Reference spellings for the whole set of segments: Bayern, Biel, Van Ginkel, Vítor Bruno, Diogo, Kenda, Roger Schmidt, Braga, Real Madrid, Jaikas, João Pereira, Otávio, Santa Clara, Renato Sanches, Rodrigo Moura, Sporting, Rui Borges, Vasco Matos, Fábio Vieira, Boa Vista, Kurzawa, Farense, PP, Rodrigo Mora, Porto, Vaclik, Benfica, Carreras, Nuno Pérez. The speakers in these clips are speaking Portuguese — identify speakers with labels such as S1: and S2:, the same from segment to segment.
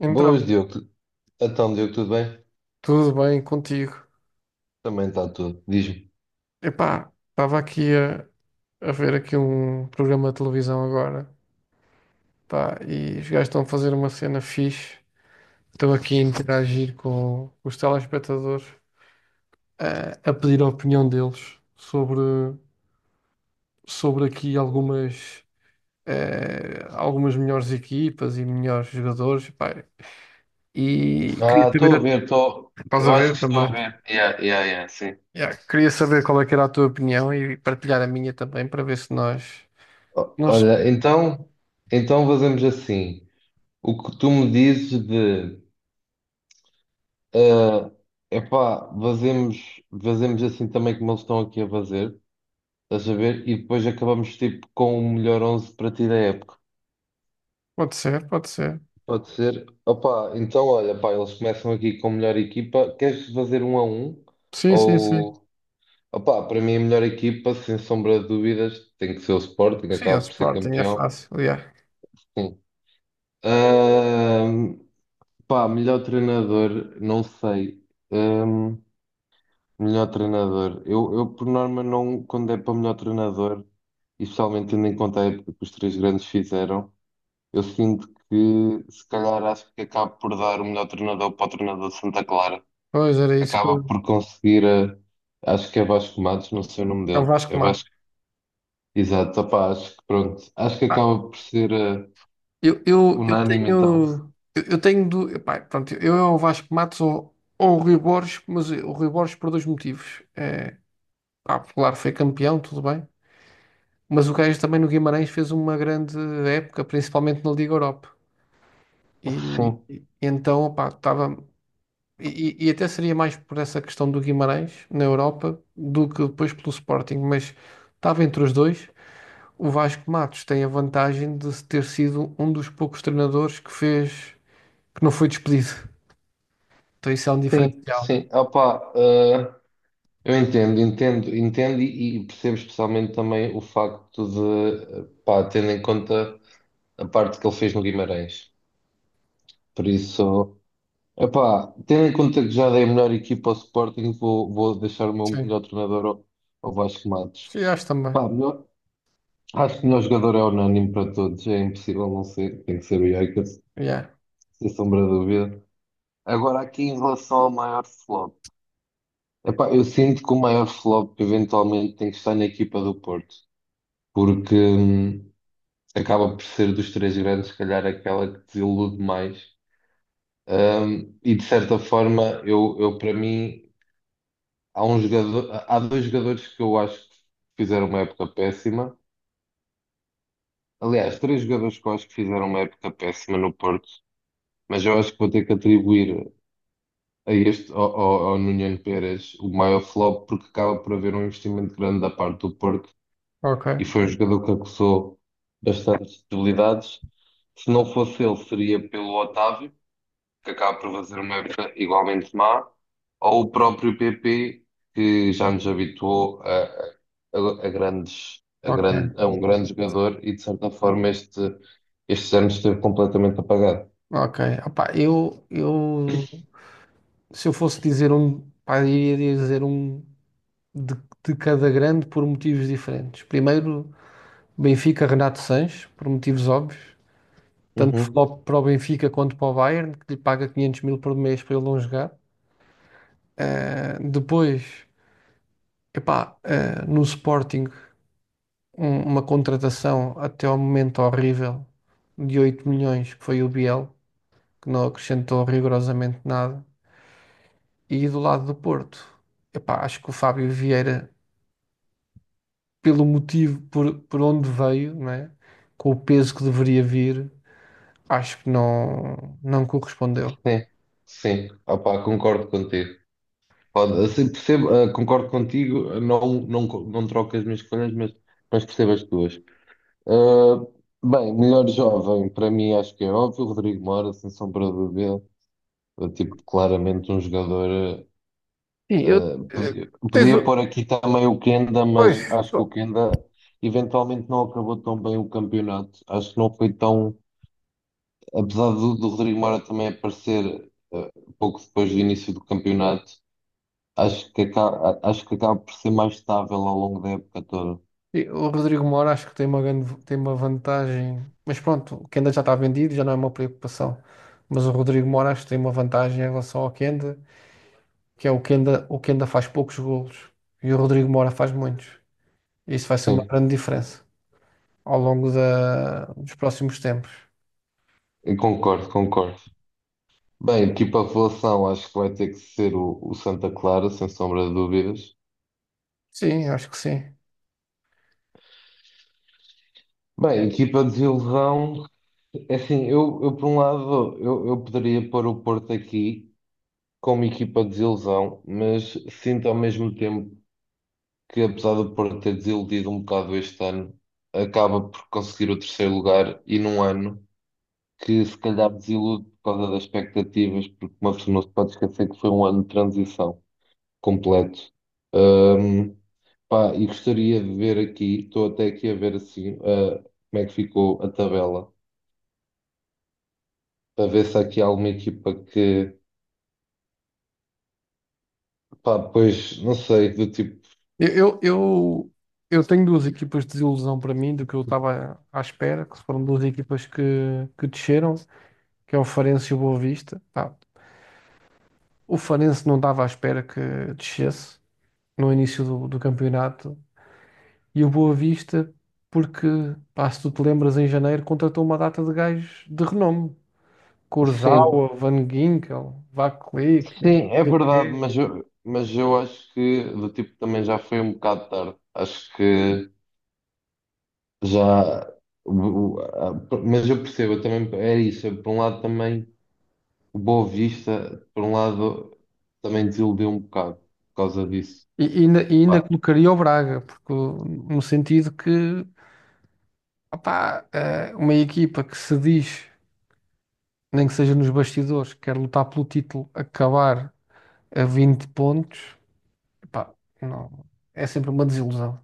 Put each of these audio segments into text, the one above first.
S1: Então,
S2: Boas, Diogo. Então, Diogo, tudo bem?
S1: tudo bem contigo?
S2: Também está tudo. Diz-me.
S1: Epá, estava aqui a ver aqui um programa de televisão agora, pá, e os gajos estão a fazer uma cena fixe. Estou aqui a interagir com os telespectadores, a pedir a opinião deles sobre aqui algumas, algumas melhores equipas e melhores jogadores, pá. E queria
S2: Ah,
S1: saber,
S2: estou a ver, estou.
S1: estás
S2: Eu
S1: a
S2: acho
S1: ver
S2: que estou
S1: também?
S2: a ver. Yeah, yeah, yeah, sim.
S1: Yeah, queria saber qual é que era a tua opinião e partilhar a minha também para ver se nós. Nós
S2: Olha, então fazemos assim. O que tu me dizes de. ah, epá, fazemos assim também como eles estão aqui a fazer. Estás a ver? E depois acabamos tipo com o melhor 11 para ti da época.
S1: Pode ser, pode ser.
S2: Pode ser. Opa, então olha, pá, eles começam aqui com a melhor equipa. Queres fazer um a um?
S1: Sim, sim, sim.
S2: Ou. Opa, para mim a melhor equipa, sem sombra de dúvidas, tem que ser o Sporting,
S1: Sim, o
S2: acaba por ser
S1: Sporting é
S2: campeão.
S1: fácil, yeah.
S2: Hum. Ahm, pá, melhor treinador, não sei. Ahm, melhor treinador. Eu, por norma, não, quando é para melhor treinador, e especialmente tendo em conta a época que os três grandes fizeram, eu sinto que, se calhar, acho que acabo por dar o melhor treinador para o treinador de Santa Clara.
S1: Pois era isso que
S2: Acaba
S1: eu.
S2: por conseguir, acho que é Vasco Matos, não sei o nome
S1: É o
S2: dele.
S1: Vasco
S2: É
S1: Matos.
S2: Exato, opá, acho que pronto, acho que
S1: Ah,
S2: acaba por ser unânime então.
S1: Epá, pronto, eu é o Vasco Matos ou o Rui Borges, mas o Rui Borges por dois motivos. É, pá, claro, foi campeão, tudo bem. Mas o gajo também no Guimarães fez uma grande época, principalmente na Liga Europa. E,
S2: Sim,
S1: e então, opá, estava. E, e até seria mais por essa questão do Guimarães na Europa do que depois pelo Sporting, mas estava entre os dois. O Vasco Matos tem a vantagem de ter sido um dos poucos treinadores que não foi despedido. Então isso é um
S2: sim,
S1: diferencial.
S2: sim, opá, eu entendo, entendo, entendo e percebo especialmente também o facto de, pá, tendo em conta a parte que ele fez no Guimarães. Por isso, opá, tendo em conta que já dei a melhor equipa ao Sporting, vou deixar o meu
S1: Sim,
S2: melhor treinador ao Vasco Matos.
S1: sim, acho também.
S2: Pá, acho que o melhor jogador é unânime para todos, é impossível não ser, tem que ser o Jaikas.
S1: Yeah.
S2: Sem sombra de dúvida. Agora, aqui em relação ao maior flop, epá, eu sinto que o maior flop eventualmente tem que estar na equipa do Porto, porque acaba por ser dos três grandes, se calhar aquela que desilude mais. E de certa forma, eu para mim, há um jogador, há dois jogadores que eu acho que fizeram uma época péssima. Aliás, três jogadores que eu acho que fizeram uma época péssima no Porto, mas eu acho que vou ter que atribuir a este, ao Nuno Pérez, o maior flop, porque acaba por haver um investimento grande da parte do Porto e
S1: Ok,
S2: foi um jogador que acusou bastantes debilidades. Se não fosse ele, seria pelo Otávio, que acaba por fazer uma época igualmente má, ou o próprio PP, que já nos habituou
S1: ok,
S2: a um grande jogador e, de certa forma, estes anos esteve completamente apagado.
S1: ok. Opá, eu se eu fosse dizer um, pá, eu iria dizer um de, de cada grande por motivos diferentes. Primeiro, Benfica, Renato Sanches, por motivos óbvios. Tanto para
S2: Uhum.
S1: o para o Benfica quanto para o Bayern, que lhe paga 500 mil por mês para ele não jogar. Depois, epá, no Sporting, uma contratação até ao momento horrível de 8 milhões, que foi o Biel, que não acrescentou rigorosamente nada. E do lado do Porto, epá, acho que o Fábio Vieira, pelo motivo por onde veio, não é? Com o peso que deveria vir, acho que não correspondeu.
S2: Sim, sim, opá, concordo contigo. Pode, assim, percebo, concordo contigo, não, não, não troco as minhas escolhas, mas percebo as tuas. Ah, bem, melhor jovem, para mim acho que é óbvio, Rodrigo Mora, sem sombra de dúvida. Ah, tipo, claramente um jogador.
S1: Sim, eu, eh,
S2: Podia,
S1: tens,
S2: podia pôr aqui também o Kenda,
S1: Pois,
S2: mas acho que o
S1: só-
S2: Kenda eventualmente não acabou tão bem o campeonato. Acho que não foi tão. Apesar do Rodrigo Mora também aparecer pouco depois do início do campeonato. Acho que acaba por ser mais estável ao longo da época toda.
S1: E o Rodrigo Moura acho que tem uma grande, tem uma vantagem, mas pronto, o Kenda já está vendido, já não é uma preocupação. Mas o Rodrigo Moura acho que tem uma vantagem em relação ao Kenda, que é o Kenda, faz poucos golos e o Rodrigo Moura faz muitos. Isso vai ser uma
S2: Sim,
S1: grande diferença ao longo da, dos próximos tempos.
S2: eu concordo, concordo. Bem, equipa revelação, acho que vai ter que ser o Santa Clara, sem sombra de dúvidas.
S1: Sim, acho que sim.
S2: Bem, equipa desilusão, é assim, eu por um lado, eu poderia pôr o Porto aqui como equipa desilusão, mas sinto ao mesmo tempo que, apesar do Porto ter desiludido um bocado este ano, acaba por conseguir o terceiro lugar e num ano que se calhar desilude por causa das expectativas, porque uma pessoa não se pode esquecer que foi um ano de transição completo. Ahm, pá, e gostaria de ver aqui, estou até aqui a ver assim, como é que ficou a tabela, para ver se há aqui alguma equipa que, pá, pois, não sei, do tipo,
S1: Eu, eu, eu, eu tenho duas equipas de desilusão para mim do que eu estava à espera, que foram duas equipas que desceram, que é o Farense e o Boa Vista. Pá, o Farense não estava à espera que descesse no início do campeonato, e o Boa Vista porque, pá, se tu te lembras, em janeiro contratou uma data de gajos de renome.
S2: sim,
S1: Kurzawa, Van Ginkel, Vaclik, não
S2: sim, é
S1: sei o
S2: verdade,
S1: quê.
S2: mas eu acho que do tipo também já foi um bocado tarde, acho que já. o- o- a- Mas eu percebo, eu também é isso. Por um lado, também o Boa Vista, por um lado, também desiludiu um bocado por causa disso.
S1: E ainda
S2: Pá,
S1: colocaria o Braga, porque, no sentido que. Opá, uma equipa que se diz, nem que seja nos bastidores, que quer lutar pelo título, acabar a 20 pontos, epá, não, é sempre uma desilusão.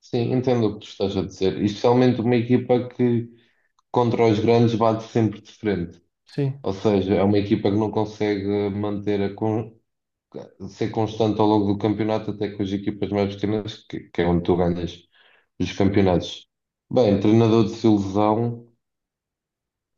S2: sim, entendo o que tu estás a dizer. E especialmente uma equipa que contra os grandes bate sempre de frente.
S1: Sim.
S2: Ou seja, é uma equipa que não consegue manter a con- ser constante ao longo do campeonato, até com as equipas mais pequenas, que é onde tu ganhas os campeonatos. Bem, treinador de desilusão,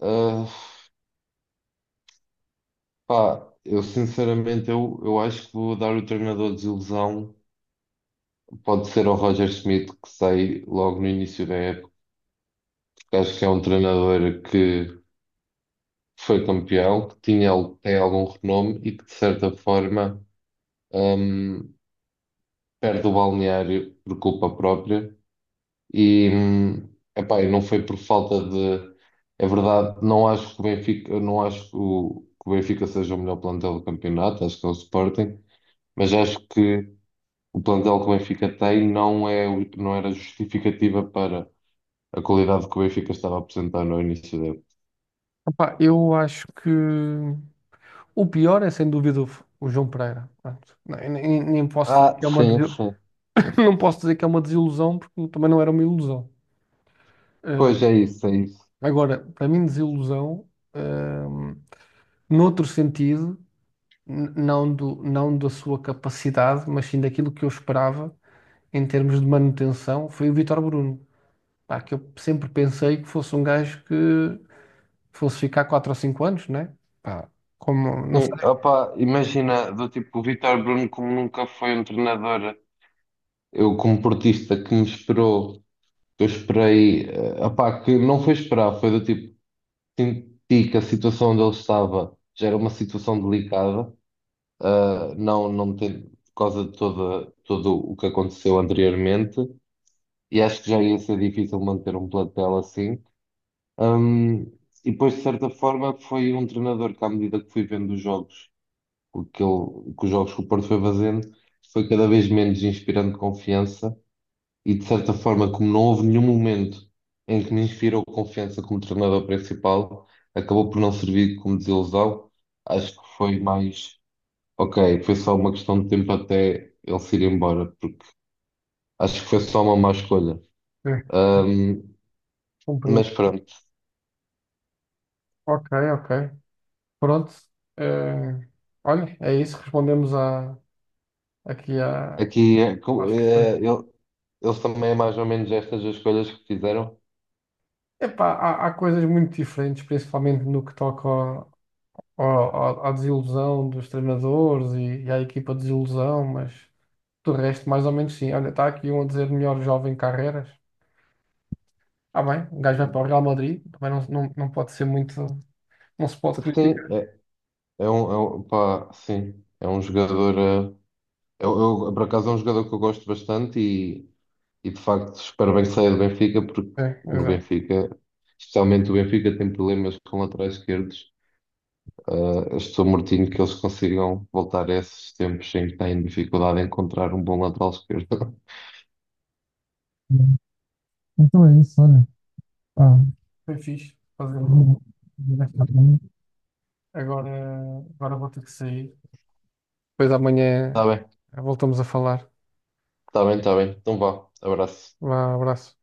S2: ah, pá, eu sinceramente eu acho que vou dar o treinador de desilusão. Pode ser o Roger Schmidt que sai logo no início da época, porque acho que é um treinador que foi campeão, que tinha, tem algum renome e que de certa forma hum, perde o balneário por culpa própria. E epá, e não foi por falta de. É verdade, não acho que o Benfica, eu não acho que o Benfica seja o melhor plantel do campeonato, acho que é o Sporting, mas acho que o plantel que o Benfica tem não é, não era justificativa para a qualidade que o Benfica estava a apresentar no início da época.
S1: Opá, eu acho que o pior é sem dúvida o João Pereira. Pronto. Nem posso dizer
S2: Ah,
S1: que é uma,
S2: sim,
S1: desil-
S2: sim.
S1: Não posso dizer que é uma desilusão, porque também não era uma ilusão. Eh,
S2: Pois é isso, é isso.
S1: agora, para mim, desilusão, eh, noutro sentido. Não da sua capacidade, mas sim daquilo que eu esperava em termos de manutenção, foi o Vítor Bruno. Pá, que eu sempre pensei que fosse um gajo que fosse ficar 4 ou 5 anos, né? Pá, como, não
S2: Sim,
S1: sei.
S2: opa, imagina, do tipo, o Vítor Bruno, como nunca foi um treinador, eu como portista que me esperou, que eu esperei, opá, que não foi esperar, foi do tipo, senti que a situação onde ele estava já era uma situação delicada, não, não ter, por causa de toda, todo o que aconteceu anteriormente, e acho que já ia ser difícil manter um plantel assim. Um, e depois, de certa forma, foi um treinador que, à medida que fui vendo os jogos, que os jogos que o Porto foi fazendo, foi cada vez menos inspirando confiança. E, de certa forma, como não houve nenhum momento em que me inspirou confiança como treinador principal, acabou por não servir como desilusão. Acho que foi mais, ok, foi só uma questão de tempo até ele se ir embora, porque acho que foi só uma má escolha.
S1: É,
S2: Um,
S1: compreendo.
S2: mas pronto.
S1: Ok, ok. Pronto. Eh, olha, é isso. Respondemos aqui a,
S2: Aqui,
S1: às questões.
S2: eles também é mais ou menos estas as escolhas que fizeram.
S1: Epá, há coisas muito diferentes, principalmente no que toca à desilusão dos treinadores e à equipa de desilusão, mas. Do resto, mais ou menos sim. Olha, está aqui um a dizer melhor jovem Carreras. Ah, bem, o gajo vai para o Real Madrid, também não, não, não pode ser muito. Não se pode
S2: Sim,
S1: criticar.
S2: é, pá, sim, é um jogador. Eu, eu, por acaso é um jogador que eu gosto bastante e de facto espero bem que saia do Benfica, porque
S1: É,
S2: no
S1: exato.
S2: Benfica, especialmente o Benfica, tem problemas com laterais esquerdos. Eu estou mortinho que eles consigam voltar a esses tempos em que têm dificuldade em encontrar um bom lateral esquerdo.
S1: Então é isso, olha. Pá, foi fixe fazer. Vou- vou Agora, agora vou ter que sair. Depois
S2: Está
S1: amanhã
S2: bem,
S1: voltamos a falar.
S2: está bem, está bem. Então vá, abraço.
S1: Vá, abraço.